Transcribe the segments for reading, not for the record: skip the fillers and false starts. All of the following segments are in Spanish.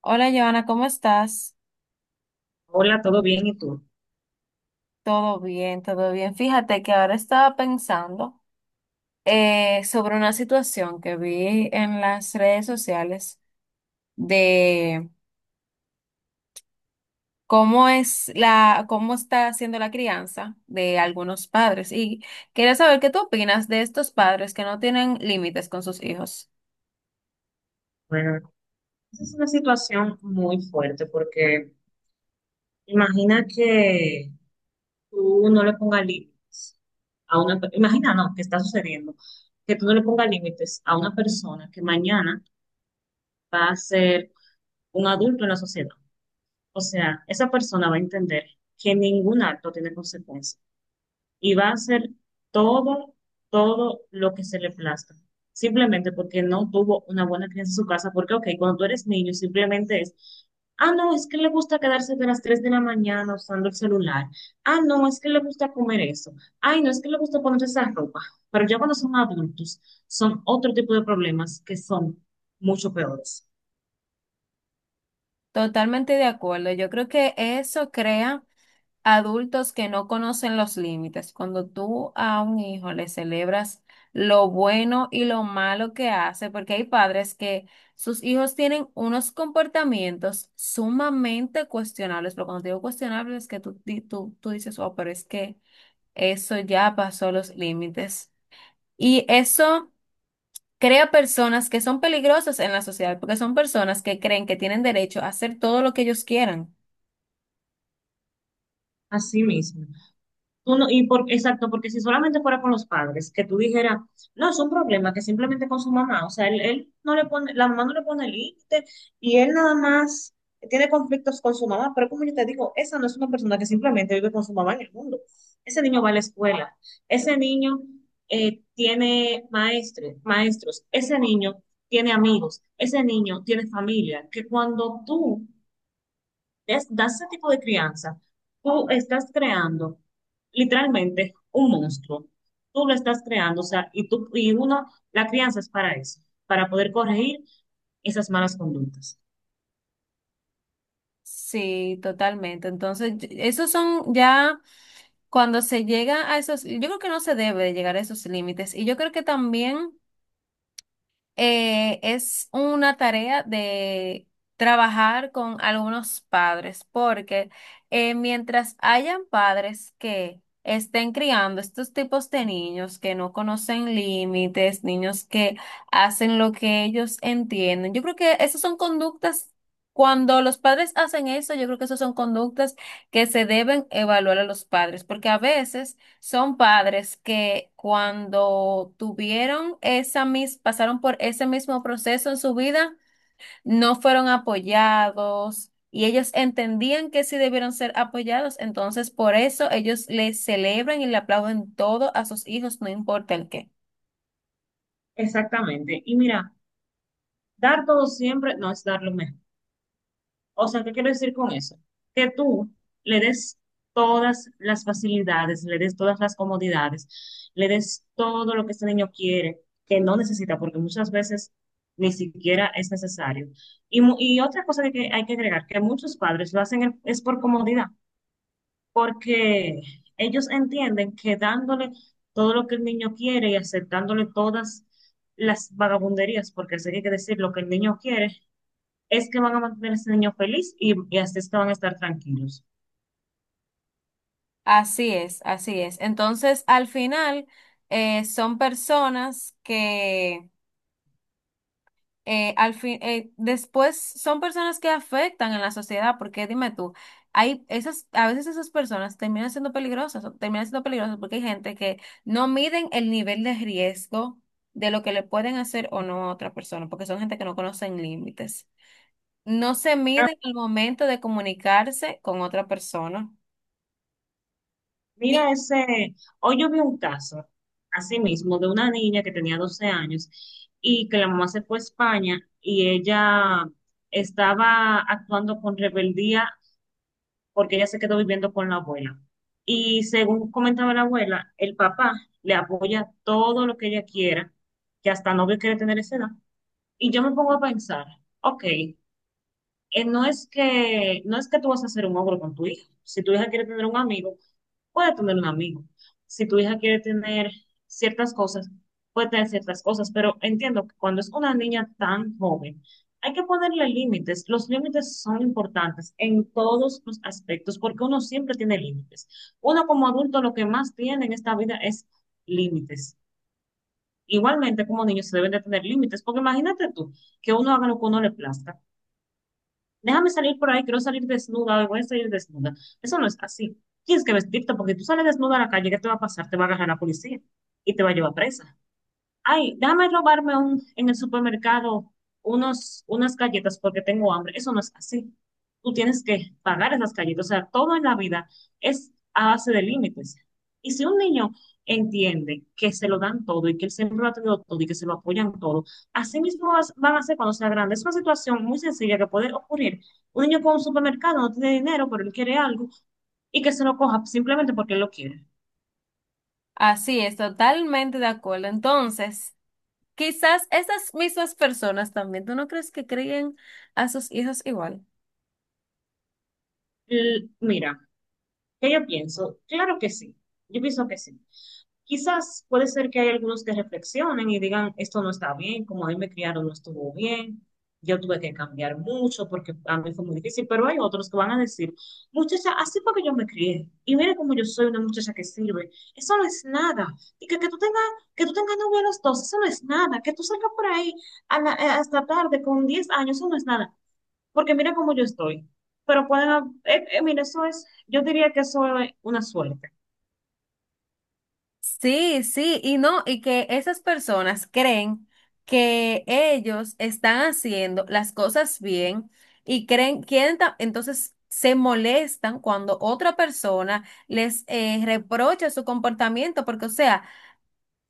Hola, Joana, ¿cómo estás? Hola, ¿todo bien? ¿Y tú? Todo bien, todo bien. Fíjate que ahora estaba pensando sobre una situación que vi en las redes sociales de cómo es la, cómo está haciendo la crianza de algunos padres. Y quería saber qué tú opinas de estos padres que no tienen límites con sus hijos. Bueno, esa es una situación muy fuerte porque imagina que tú no le pongas límites Imagina, no, que está sucediendo, que tú no le pongas límites a una persona que mañana va a ser un adulto en la sociedad. O sea, esa persona va a entender que ningún acto tiene consecuencias. Y va a hacer todo, todo lo que se le plazca. Simplemente porque no tuvo una buena crianza en su casa. Porque, ok, cuando tú eres niño, simplemente es, ah, no, es que le gusta quedarse de las 3 de la mañana usando el celular. Ah, no, es que le gusta comer eso. Ay, no, es que le gusta poner esa ropa. Pero ya cuando son adultos, son otro tipo de problemas que son mucho peores. Totalmente de acuerdo. Yo creo que eso crea adultos que no conocen los límites. Cuando tú a un hijo le celebras lo bueno y lo malo que hace, porque hay padres que sus hijos tienen unos comportamientos sumamente cuestionables, pero cuando te digo cuestionables es que tú, tú dices, oh, pero es que eso ya pasó los límites. Y eso crea personas que son peligrosas en la sociedad, porque son personas que creen que tienen derecho a hacer todo lo que ellos quieran. Así mismo. Uno, y por, exacto, porque si solamente fuera con los padres, que tú dijeras, no, es un problema que simplemente con su mamá, o sea, él no le pone, la mamá no le pone límite y él nada más tiene conflictos con su mamá, pero como yo te digo, esa no es una persona que simplemente vive con su mamá en el mundo. Ese niño va a la escuela, ese niño tiene maestres, maestros, ese niño tiene amigos, ese niño tiene familia, que cuando tú das ese tipo de crianza, tú estás creando literalmente un monstruo. Tú lo estás creando, o sea, y tú, y uno, la crianza es para eso, para poder corregir esas malas conductas. Sí, totalmente. Entonces, esos son ya cuando se llega a esos, yo creo que no se debe de llegar a esos límites. Y yo creo que también es una tarea de trabajar con algunos padres, porque mientras hayan padres que estén criando estos tipos de niños que no conocen límites, niños que hacen lo que ellos entienden, yo creo que esas son conductas. Cuando los padres hacen eso, yo creo que esas son conductas que se deben evaluar a los padres, porque a veces son padres que cuando tuvieron pasaron por ese mismo proceso en su vida, no fueron apoyados y ellos entendían que sí debieron ser apoyados, entonces por eso ellos le celebran y le aplauden todo a sus hijos, no importa el qué. Exactamente. Y mira, dar todo siempre no es dar lo mejor. O sea, ¿qué quiero decir con eso? Que tú le des todas las facilidades, le des todas las comodidades, le des todo lo que este niño quiere, que no necesita, porque muchas veces ni siquiera es necesario. Y, y otra cosa que hay que agregar, que muchos padres lo hacen es por comodidad, porque ellos entienden que dándole todo lo que el niño quiere y aceptándole todas las vagabunderías, porque se tiene que decir lo que el niño quiere, es que van a mantener a ese niño feliz y así es que van a estar tranquilos. Así es, así es. Entonces, al final, son personas que después son personas que afectan en la sociedad, porque dime tú, a veces esas personas terminan siendo peligrosas, o terminan siendo peligrosas porque hay gente que no miden el nivel de riesgo de lo que le pueden hacer o no a otra persona, porque son gente que no conocen límites. No se Ah, miden el momento de comunicarse con otra persona. Y mira ese, hoy yo vi un caso, así mismo, de una niña que tenía 12 años y que la mamá se fue a España y ella estaba actuando con rebeldía porque ella se quedó viviendo con la abuela. Y según comentaba la abuela, el papá le apoya todo lo que ella quiera, que hasta novio quiere tener esa edad. Y yo me pongo a pensar, ok, no es que, no es que tú vas a hacer un ogro con tu hija. Si tu hija quiere tener un amigo, puede tener un amigo. Si tu hija quiere tener ciertas cosas, puede tener ciertas cosas, pero entiendo que cuando es una niña tan joven, hay que ponerle límites. Los límites son importantes en todos los aspectos, porque uno siempre tiene límites. Uno como adulto lo que más tiene en esta vida es límites. Igualmente como niños se deben de tener límites, porque imagínate tú que uno haga lo que uno le plazca, déjame salir por ahí, quiero salir desnuda, hoy voy a salir desnuda. Eso no es así. Tienes que vestirte porque tú sales desnuda a la calle, ¿qué te va a pasar? Te va a agarrar la policía y te va a llevar presa. Ay, dame robarme un, en el supermercado unos, unas galletas porque tengo hambre. Eso no es así. Tú tienes que pagar esas galletas. O sea, todo en la vida es a base de límites. Y si un niño entiende que se lo dan todo y que él siempre lo ha tenido todo y que se lo apoyan todo, así mismo van a ser cuando sea grande. Es una situación muy sencilla que puede ocurrir. Un niño con un supermercado no tiene dinero, pero él quiere algo y que se lo coja simplemente porque él lo quiere. así es, totalmente de acuerdo. Entonces, quizás estas mismas personas también, ¿tú no crees que creen a sus hijos igual? Mira. ¿Qué yo pienso? Claro que sí, yo pienso que sí. Quizás puede ser que hay algunos que reflexionen y digan, esto no está bien, como a mí me criaron no estuvo bien, yo tuve que cambiar mucho porque a mí fue muy difícil, pero hay otros que van a decir, muchacha, así fue que yo me crié, y mira cómo yo soy una muchacha que sirve, eso no es nada, y que tú tengas novia a los dos, eso no es nada, que tú salgas por ahí a la- hasta tarde con 10 años, eso no es nada porque mira cómo yo estoy. Pero pueden, mira, eso es, yo diría que eso es una suerte, Sí, sí, y no, y que esas personas creen que ellos están haciendo las cosas bien y creen, entonces se molestan cuando otra persona les reprocha su comportamiento, porque o sea,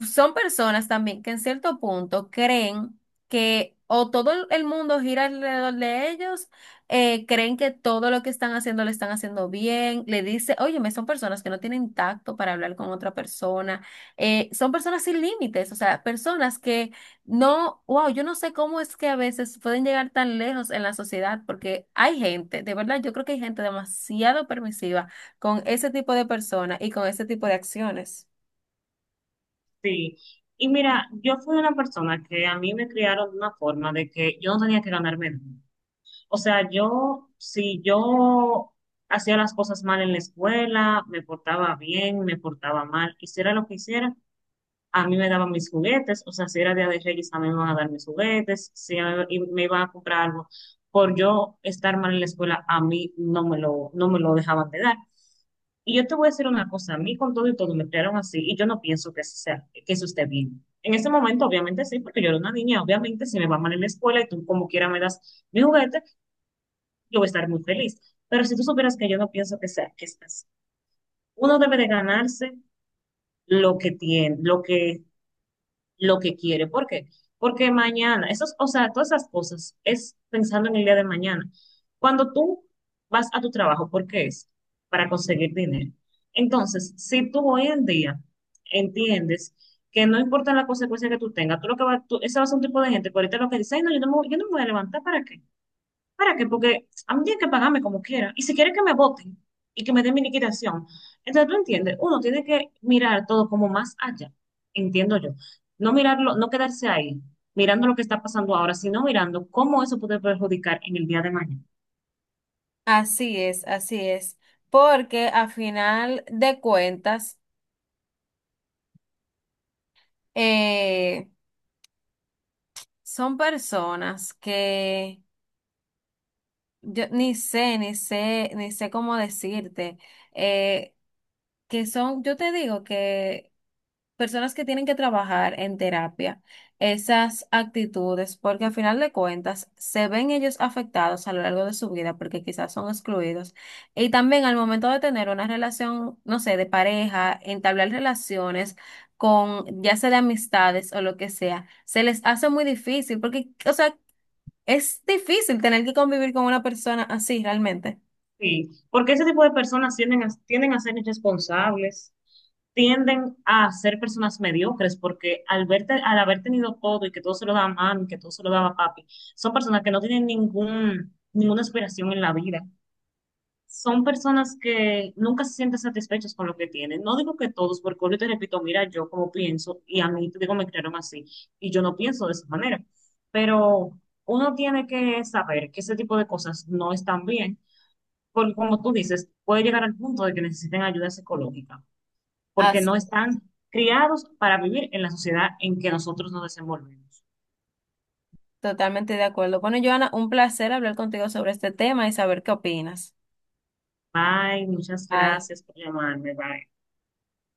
son personas también que en cierto punto creen que o todo el mundo gira alrededor de ellos, creen que todo lo que están haciendo lo están haciendo bien, le dice, óyeme, son personas que no tienen tacto para hablar con otra persona, son personas sin límites, o sea, personas que no, wow, yo no sé cómo es que a veces pueden llegar tan lejos en la sociedad, porque hay gente, de verdad, yo creo que hay gente demasiado permisiva con ese tipo de personas y con ese tipo de acciones. sí. Y mira, yo fui una persona que a mí me criaron de una forma de que yo no tenía que ganarme nada. O sea, yo, si yo hacía las cosas mal en la escuela, me portaba bien, me portaba mal, hiciera lo que hiciera, a mí me daban mis juguetes, o sea, si era Día de Reyes, a mí me iban a dar mis juguetes, si a- y me iban a comprar algo por yo estar mal en la escuela, a mí no me lo dejaban de dar. Y yo te voy a decir una cosa, a mí con todo y todo me crearon así y yo no pienso que, eso sea, que eso esté bien. En ese momento, obviamente sí, porque yo era una niña, obviamente si me va mal en la escuela y tú como quiera me das mi juguete, yo voy a estar muy feliz. Pero si tú supieras que yo no pienso que sea, que es así. Uno debe de ganarse lo que tiene, lo que quiere. ¿Por qué? Porque mañana, esos, o sea, todas esas cosas es pensando en el día de mañana. Cuando tú vas a tu trabajo, ¿por qué es? Para conseguir dinero. Entonces, si tú hoy en día entiendes que no importa la consecuencia que tú tengas, tú lo que va, tú, ese va a ser un tipo de gente que ahorita lo que dice, "Ay, no, yo no me voy a levantar, ¿para qué? ¿Para qué? Porque a mí tienen que pagarme como quiera. Y si quieren que me voten y que me den mi liquidación". Entonces, tú entiendes, uno tiene que mirar todo como más allá, entiendo yo. No mirarlo, no quedarse ahí, mirando lo que está pasando ahora, sino mirando cómo eso puede perjudicar en el día de mañana. Así es, porque a final de cuentas eh, son personas que yo ni sé, ni sé, ni sé cómo decirte. Eh, que son, yo te digo que personas que tienen que trabajar en terapia, esas actitudes, porque al final de cuentas se ven ellos afectados a lo largo de su vida, porque quizás son excluidos. Y también al momento de tener una relación, no sé, de pareja, entablar relaciones con, ya sea de amistades o lo que sea, se les hace muy difícil, porque, o sea, es difícil tener que convivir con una persona así, realmente. Sí, porque ese tipo de personas tienden a ser irresponsables, tienden a ser personas mediocres, porque al verte, al haber tenido todo y que todo se lo daba mami, que todo se lo daba papi, son personas que no tienen ningún, ninguna aspiración en la vida. Son personas que nunca se sienten satisfechas con lo que tienen. No digo que todos, porque yo te repito, mira, yo como pienso, y a mí, te digo, me crearon así, y yo no pienso de esa manera. Pero uno tiene que saber que ese tipo de cosas no están bien por como tú dices, puede llegar al punto de que necesiten ayuda psicológica, porque Así, no están criados para vivir en la sociedad en que nosotros nos desenvolvemos. totalmente de acuerdo. Bueno, Joana, un placer hablar contigo sobre este tema y saber qué opinas. Bye, muchas Bye. gracias por llamarme. Bye.